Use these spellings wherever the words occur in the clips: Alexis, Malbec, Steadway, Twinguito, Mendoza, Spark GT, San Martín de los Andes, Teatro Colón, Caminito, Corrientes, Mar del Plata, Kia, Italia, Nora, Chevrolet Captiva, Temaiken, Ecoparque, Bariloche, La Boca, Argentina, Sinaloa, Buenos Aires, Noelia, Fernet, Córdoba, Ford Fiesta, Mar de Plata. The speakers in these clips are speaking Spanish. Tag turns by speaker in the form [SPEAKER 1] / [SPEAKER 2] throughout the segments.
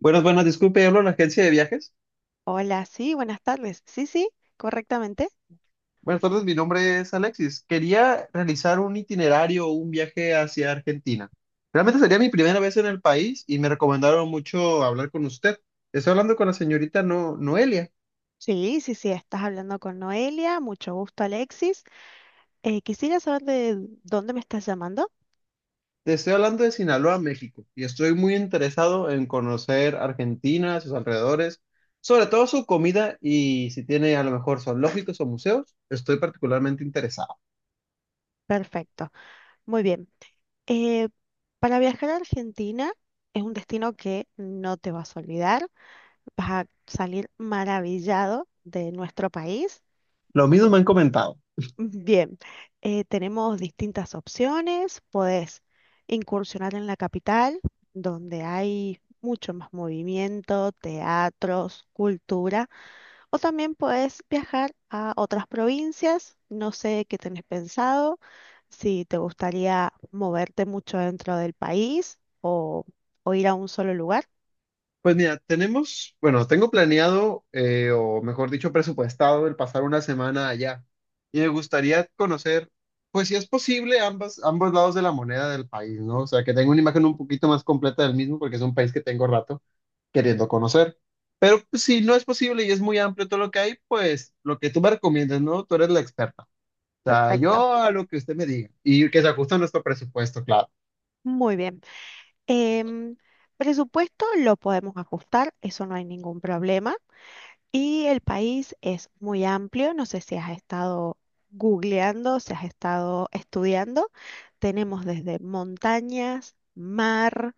[SPEAKER 1] Buenas, buenas, disculpe, hablo en la agencia de viajes.
[SPEAKER 2] Hola, sí, buenas tardes. Sí, sí, correctamente.
[SPEAKER 1] Buenas tardes, mi nombre es Alexis. Quería realizar un itinerario o un viaje hacia Argentina. Realmente sería mi primera vez en el país y me recomendaron mucho hablar con usted. Estoy hablando con la señorita Noelia.
[SPEAKER 2] Sí, sí, sí, estás hablando con Noelia. Mucho gusto, Alexis. Quisiera saber de dónde me estás llamando.
[SPEAKER 1] Te estoy hablando de Sinaloa, México, y estoy muy interesado en conocer Argentina, sus alrededores, sobre todo su comida y si tiene a lo mejor zoológicos o museos, estoy particularmente interesado.
[SPEAKER 2] Perfecto, muy bien. Eh, para viajar a Argentina es un destino que no te vas a olvidar. Vas a salir maravillado de nuestro país.
[SPEAKER 1] Lo mismo me han comentado.
[SPEAKER 2] Bien, tenemos distintas opciones. Podés incursionar en la capital, donde hay mucho más movimiento, teatros, cultura, o también podés viajar a otras provincias. No sé qué tenés pensado, si te gustaría moverte mucho dentro del país o ir a un solo lugar.
[SPEAKER 1] Pues mira, tenemos, bueno, tengo planeado, o mejor dicho, presupuestado el pasar una semana allá. Y me gustaría conocer, pues si es posible, ambos lados de la moneda del país, ¿no? O sea, que tenga una imagen un poquito más completa del mismo, porque es un país que tengo rato queriendo conocer. Pero pues, si no es posible y es muy amplio todo lo que hay, pues lo que tú me recomiendas, ¿no? Tú eres la experta. O sea,
[SPEAKER 2] Perfecto,
[SPEAKER 1] yo a lo que usted me diga y que se ajuste a nuestro presupuesto, claro.
[SPEAKER 2] muy bien. Em, presupuesto lo podemos ajustar, eso no hay ningún problema. Y el país es muy amplio, no sé si has estado googleando, si has estado estudiando. Tenemos desde montañas, mar,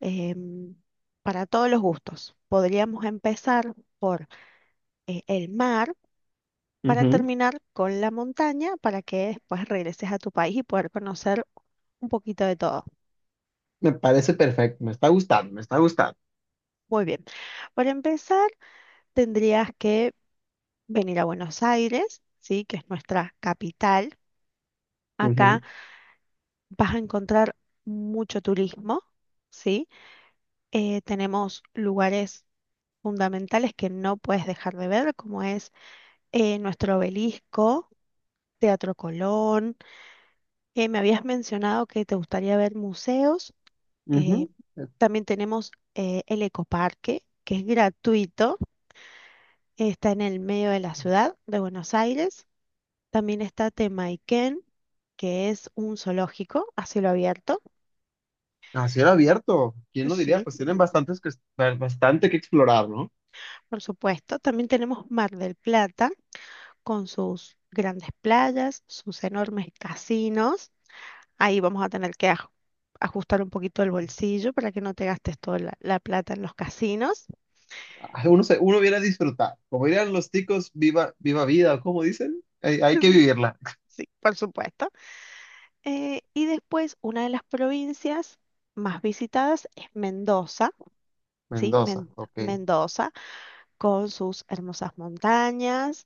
[SPEAKER 2] em, para todos los gustos. Podríamos empezar por el mar para
[SPEAKER 1] Ujú.
[SPEAKER 2] terminar con la montaña para que después regreses a tu país y poder conocer un poquito de todo.
[SPEAKER 1] Me parece perfecto, me está gustando, me está gustando.
[SPEAKER 2] Muy bien. Para empezar, tendrías que venir a Buenos Aires, ¿sí? Que es nuestra capital. Acá vas a encontrar mucho turismo, ¿sí? Tenemos lugares fundamentales que no puedes dejar de ver, como es nuestro obelisco, Teatro Colón. Me habías mencionado que te gustaría ver museos. eh,
[SPEAKER 1] Ujú.
[SPEAKER 2] también tenemos el Ecoparque, que es gratuito, está en el medio de la ciudad de Buenos Aires. También está Temaiken, que es un zoológico a cielo abierto.
[SPEAKER 1] A cielo abierto, ¿quién lo diría?
[SPEAKER 2] Sí.
[SPEAKER 1] Pues tienen bastante que explorar, ¿no?
[SPEAKER 2] Por supuesto, también tenemos Mar del Plata con sus grandes playas, sus enormes casinos. Ahí vamos a tener que ajustar un poquito el bolsillo para que no te gastes toda la plata en los casinos.
[SPEAKER 1] Ah, Uno, uno viene a disfrutar. Como dirían los ticos, viva, viva vida, ¿cómo dicen? Hay que vivirla.
[SPEAKER 2] Sí, por supuesto. Y después, una de las provincias más visitadas es Mendoza, ¿sí?
[SPEAKER 1] Mendoza, ok.
[SPEAKER 2] Mendoza, con sus hermosas montañas.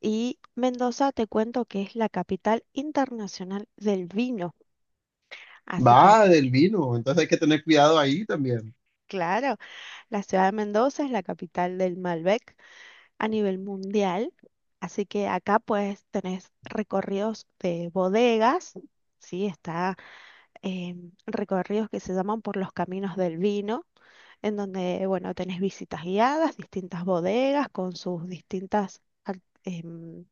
[SPEAKER 2] Y Mendoza, te cuento que es la capital internacional del vino. Así que
[SPEAKER 1] Va del vino, entonces hay que tener cuidado ahí también.
[SPEAKER 2] claro, la ciudad de Mendoza es la capital del Malbec a nivel mundial, así que acá pues tenés recorridos de bodegas, sí, está eh, recorridos que se llaman por los caminos del vino, en donde, bueno, tenés visitas guiadas, distintas bodegas con sus distintas em,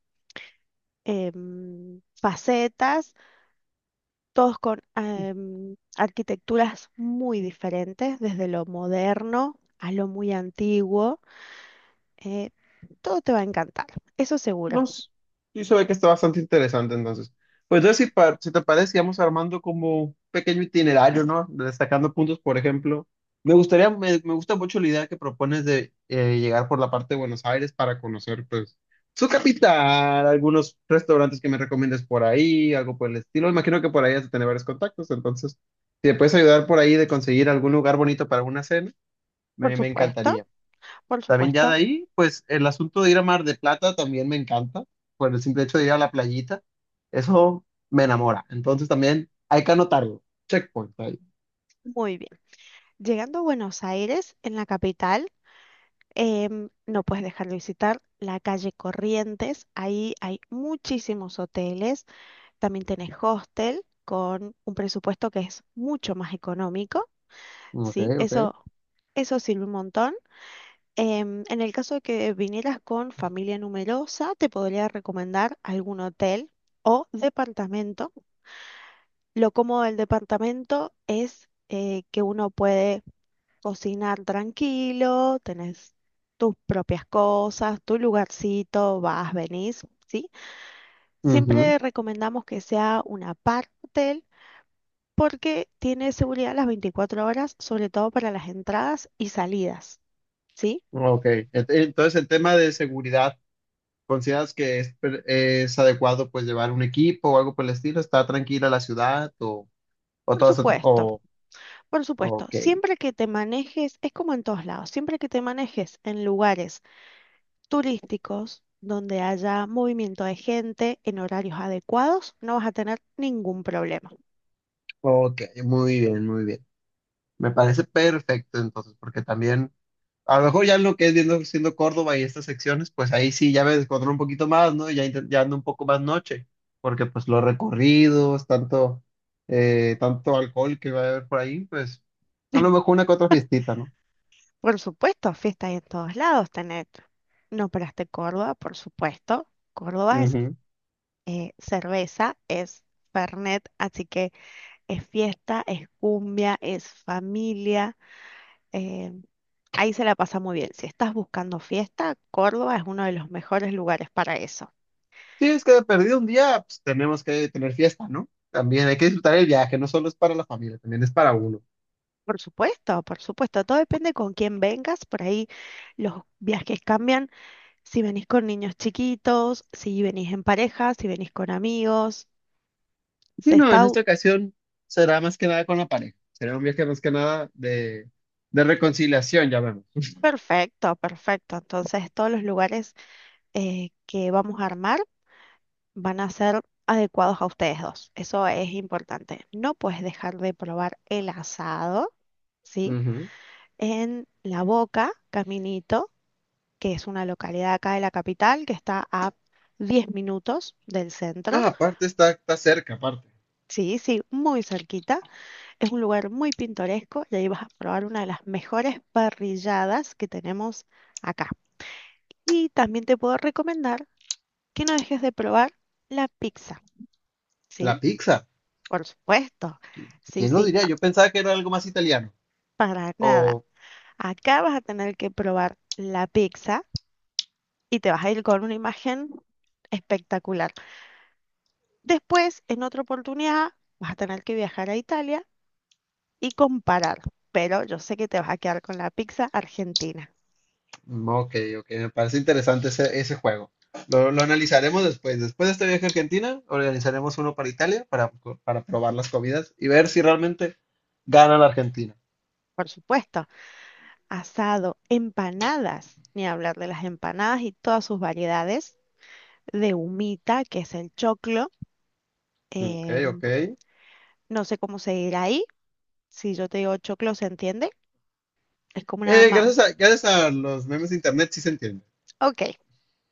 [SPEAKER 2] facetas, todos con arquitecturas muy diferentes, desde lo moderno a lo muy antiguo. Eh, todo te va a encantar, eso seguro.
[SPEAKER 1] No, s- sí se ve que está bastante interesante entonces. Pues entonces, si te parece, vamos armando como un pequeño itinerario, ¿no? Destacando puntos, por ejemplo. Me gusta mucho la idea que propones de llegar por la parte de Buenos Aires para conocer, pues, su capital, algunos restaurantes que me recomiendes por ahí, algo por el estilo. Imagino que por ahí has de tener varios contactos, entonces, si te puedes ayudar por ahí de conseguir algún lugar bonito para una cena,
[SPEAKER 2] Por
[SPEAKER 1] me
[SPEAKER 2] supuesto,
[SPEAKER 1] encantaría.
[SPEAKER 2] por
[SPEAKER 1] También ya de
[SPEAKER 2] supuesto.
[SPEAKER 1] ahí, pues el asunto de ir a Mar de Plata también me encanta, por el simple hecho de ir a la playita, eso me enamora. Entonces también hay que anotarlo. Checkpoint ahí.
[SPEAKER 2] Muy bien. Llegando a Buenos Aires, en la capital, no puedes dejar de visitar la calle Corrientes. Ahí hay muchísimos hoteles. También tenés hostel con un presupuesto que es mucho más económico.
[SPEAKER 1] Ok,
[SPEAKER 2] Sí,
[SPEAKER 1] ok.
[SPEAKER 2] eso sirve un montón. En el caso de que vinieras con familia numerosa, te podría recomendar algún hotel o departamento. Lo cómodo del departamento es que uno puede cocinar tranquilo, tenés tus propias cosas, tu lugarcito, vas, venís, ¿sí?
[SPEAKER 1] Ujú.
[SPEAKER 2] Siempre recomendamos que sea una parte porque tiene seguridad las 24 horas, sobre todo para las entradas y salidas, ¿sí?
[SPEAKER 1] Ok. Entonces el tema de seguridad, ¿consideras que es adecuado pues llevar un equipo o algo por el estilo? ¿Está tranquila la ciudad o
[SPEAKER 2] Por
[SPEAKER 1] todo eso?
[SPEAKER 2] supuesto,
[SPEAKER 1] O,
[SPEAKER 2] por supuesto.
[SPEAKER 1] ok,
[SPEAKER 2] Siempre que te manejes, es como en todos lados, siempre que te manejes en lugares turísticos donde haya movimiento de gente en horarios adecuados, no vas a tener ningún problema.
[SPEAKER 1] ok, muy bien, muy bien. Me parece perfecto entonces, porque también... A lo mejor ya lo que es viendo, siendo Córdoba y estas secciones, pues ahí sí ya me descontrolo un poquito más, ¿no? Y ya, ya ando un poco más noche, porque pues los tanto alcohol que va a haber por ahí, pues a lo mejor una que otra fiestita, ¿no?
[SPEAKER 2] Por supuesto, fiestas en todos lados tenés. No operaste Córdoba, por supuesto. Córdoba es
[SPEAKER 1] Ujú.
[SPEAKER 2] cerveza, es Fernet, así que es fiesta, es cumbia, es familia. eh, ahí se la pasa muy bien. Si estás buscando fiesta, Córdoba es uno de los mejores lugares para eso.
[SPEAKER 1] Sí, es que de perdido un día, pues tenemos que tener fiesta, ¿no? También hay que disfrutar el viaje, no solo es para la familia, también es para uno.
[SPEAKER 2] Por supuesto, todo depende con quién vengas, por ahí los viajes cambian, si venís con niños chiquitos, si venís en pareja, si venís con amigos, se
[SPEAKER 1] Sí, no, en
[SPEAKER 2] está u-
[SPEAKER 1] esta ocasión será más que nada con la pareja, será un viaje más que nada de reconciliación, ya vemos.
[SPEAKER 2] perfecto, perfecto. Entonces todos los lugares que vamos a armar van a ser adecuados a ustedes dos, eso es importante. No puedes dejar de probar el asado, ¿sí? En La Boca, Caminito, que es una localidad acá de la capital que está a 10 minutos del centro.
[SPEAKER 1] Ah, está cerca, aparte.
[SPEAKER 2] Sí, sí, muy cerquita. Es un lugar muy pintoresco y ahí vas a probar una de las mejores parrilladas que tenemos acá. Y también te puedo recomendar que no dejes de probar la pizza,
[SPEAKER 1] La
[SPEAKER 2] ¿sí?
[SPEAKER 1] pizza.
[SPEAKER 2] Por supuesto. Sí,
[SPEAKER 1] ¿Quién lo
[SPEAKER 2] sí,
[SPEAKER 1] diría? Yo pensaba que era algo más italiano.
[SPEAKER 2] para nada.
[SPEAKER 1] O,
[SPEAKER 2] Acá vas a tener que probar la pizza y te vas a ir con una imagen espectacular. Después, en otra oportunidad, vas a tener que viajar a Italia y comparar, pero yo sé que te vas a quedar con la pizza argentina.
[SPEAKER 1] mm, ok, ok, me parece interesante ese juego. Lo analizaremos después. Después de este viaje a Argentina, organizaremos uno para Italia para probar las comidas y ver si realmente gana la Argentina.
[SPEAKER 2] Por supuesto, asado, empanadas, ni hablar de las empanadas y todas sus variedades, de humita, que es el choclo.
[SPEAKER 1] Ok,
[SPEAKER 2] em,
[SPEAKER 1] ok.
[SPEAKER 2] no sé cómo se dirá ahí. Si yo te digo choclo, ¿se entiende? Es como una ma...
[SPEAKER 1] Gracias a los memes de internet sí se entiende.
[SPEAKER 2] Ok.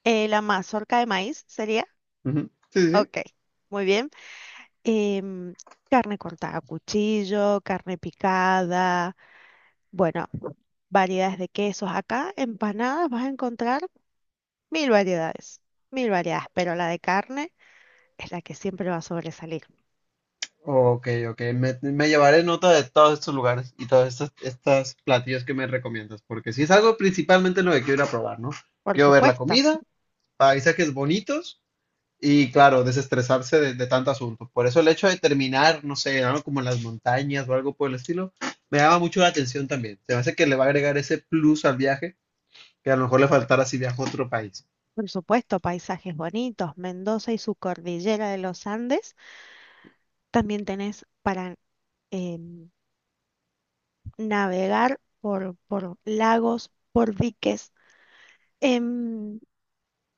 [SPEAKER 2] Eh, la mazorca de maíz sería.
[SPEAKER 1] Ujú. Sí, sí, sí.
[SPEAKER 2] Ok. Muy bien. em, carne cortada a cuchillo, carne picada. Bueno, variedades de quesos. Acá, empanadas, vas a encontrar mil variedades, mil variedades, pero la de carne es la que siempre va a sobresalir.
[SPEAKER 1] Ok, ok. Me llevaré nota de todos estos lugares y todas estas platillos que me recomiendas, porque si es algo principalmente lo que quiero ir a probar, ¿no?
[SPEAKER 2] Por
[SPEAKER 1] Quiero ver la
[SPEAKER 2] supuesto,
[SPEAKER 1] comida, paisajes bonitos y, claro, desestresarse de tanto asunto. Por eso el hecho de terminar, no sé, algo como en las montañas o algo por el estilo, me llama mucho la atención también. Se me hace que le va a agregar ese plus al viaje que a lo mejor le faltara si viajo a otro país.
[SPEAKER 2] por supuesto, paisajes bonitos, Mendoza y su cordillera de los Andes. También tenés para em, navegar por lagos, por diques. Em,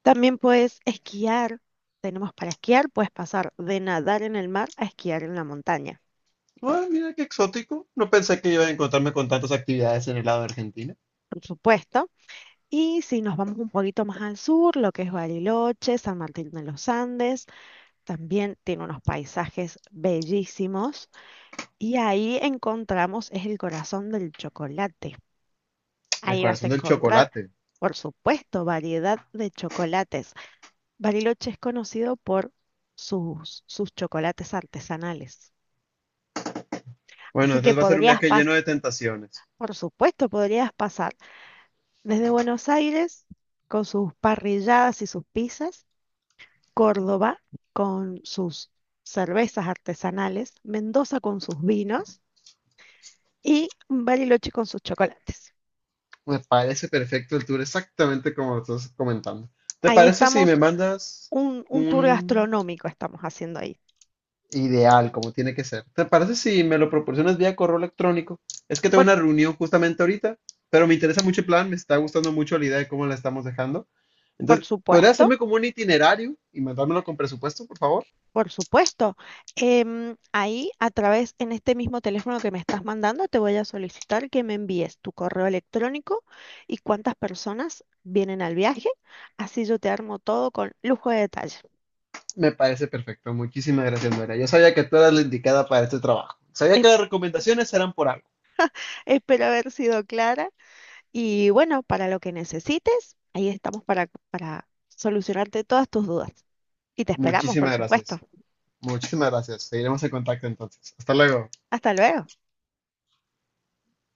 [SPEAKER 2] también puedes esquiar. Tenemos para esquiar, puedes pasar de nadar en el mar a esquiar en la montaña.
[SPEAKER 1] Ah, mira qué exótico. No pensé que iba a encontrarme con tantas actividades en el lado de Argentina.
[SPEAKER 2] Por supuesto. Y si nos vamos un poquito más al sur, lo que es Bariloche, San Martín de los Andes, también tiene unos paisajes bellísimos. Y ahí encontramos, es el corazón del chocolate.
[SPEAKER 1] El
[SPEAKER 2] Ahí vas a
[SPEAKER 1] corazón del
[SPEAKER 2] encontrar,
[SPEAKER 1] chocolate.
[SPEAKER 2] por supuesto, variedad de chocolates. Bariloche es conocido por sus chocolates artesanales.
[SPEAKER 1] Bueno,
[SPEAKER 2] Así que
[SPEAKER 1] entonces va a ser un
[SPEAKER 2] podrías
[SPEAKER 1] viaje lleno
[SPEAKER 2] pasar,
[SPEAKER 1] de tentaciones.
[SPEAKER 2] por supuesto, podrías pasar desde Buenos Aires con sus parrilladas y sus pizzas, Córdoba con sus cervezas artesanales, Mendoza con sus vinos y Bariloche con sus chocolates.
[SPEAKER 1] Me parece perfecto el tour, exactamente como lo estás comentando. ¿Te
[SPEAKER 2] Ahí
[SPEAKER 1] parece si me
[SPEAKER 2] estamos,
[SPEAKER 1] mandas
[SPEAKER 2] un tour
[SPEAKER 1] un...
[SPEAKER 2] gastronómico estamos haciendo ahí.
[SPEAKER 1] Ideal, como tiene que ser. ¿Te parece si me lo proporcionas vía correo electrónico? Es que tengo
[SPEAKER 2] Por,
[SPEAKER 1] una reunión justamente ahorita, pero me interesa mucho el plan, me está gustando mucho la idea de cómo la estamos dejando.
[SPEAKER 2] por
[SPEAKER 1] Entonces, ¿podría
[SPEAKER 2] supuesto,
[SPEAKER 1] hacerme como un itinerario y mandármelo con presupuesto, por favor?
[SPEAKER 2] por supuesto. Ahí a través, en este mismo teléfono que me estás mandando, te voy a solicitar que me envíes tu correo electrónico y cuántas personas vienen al viaje. Así yo te armo todo con lujo de detalle.
[SPEAKER 1] Me parece perfecto. Muchísimas gracias, Nora. Yo sabía que tú eras la indicada para este trabajo. Sabía
[SPEAKER 2] Es-
[SPEAKER 1] que las recomendaciones eran por algo.
[SPEAKER 2] Espero haber sido clara. Y bueno, para lo que necesites, ahí estamos para solucionarte todas tus dudas. Y te esperamos, por
[SPEAKER 1] Muchísimas
[SPEAKER 2] supuesto.
[SPEAKER 1] gracias. Muchísimas gracias. Seguiremos en contacto entonces. Hasta luego.
[SPEAKER 2] Hasta luego.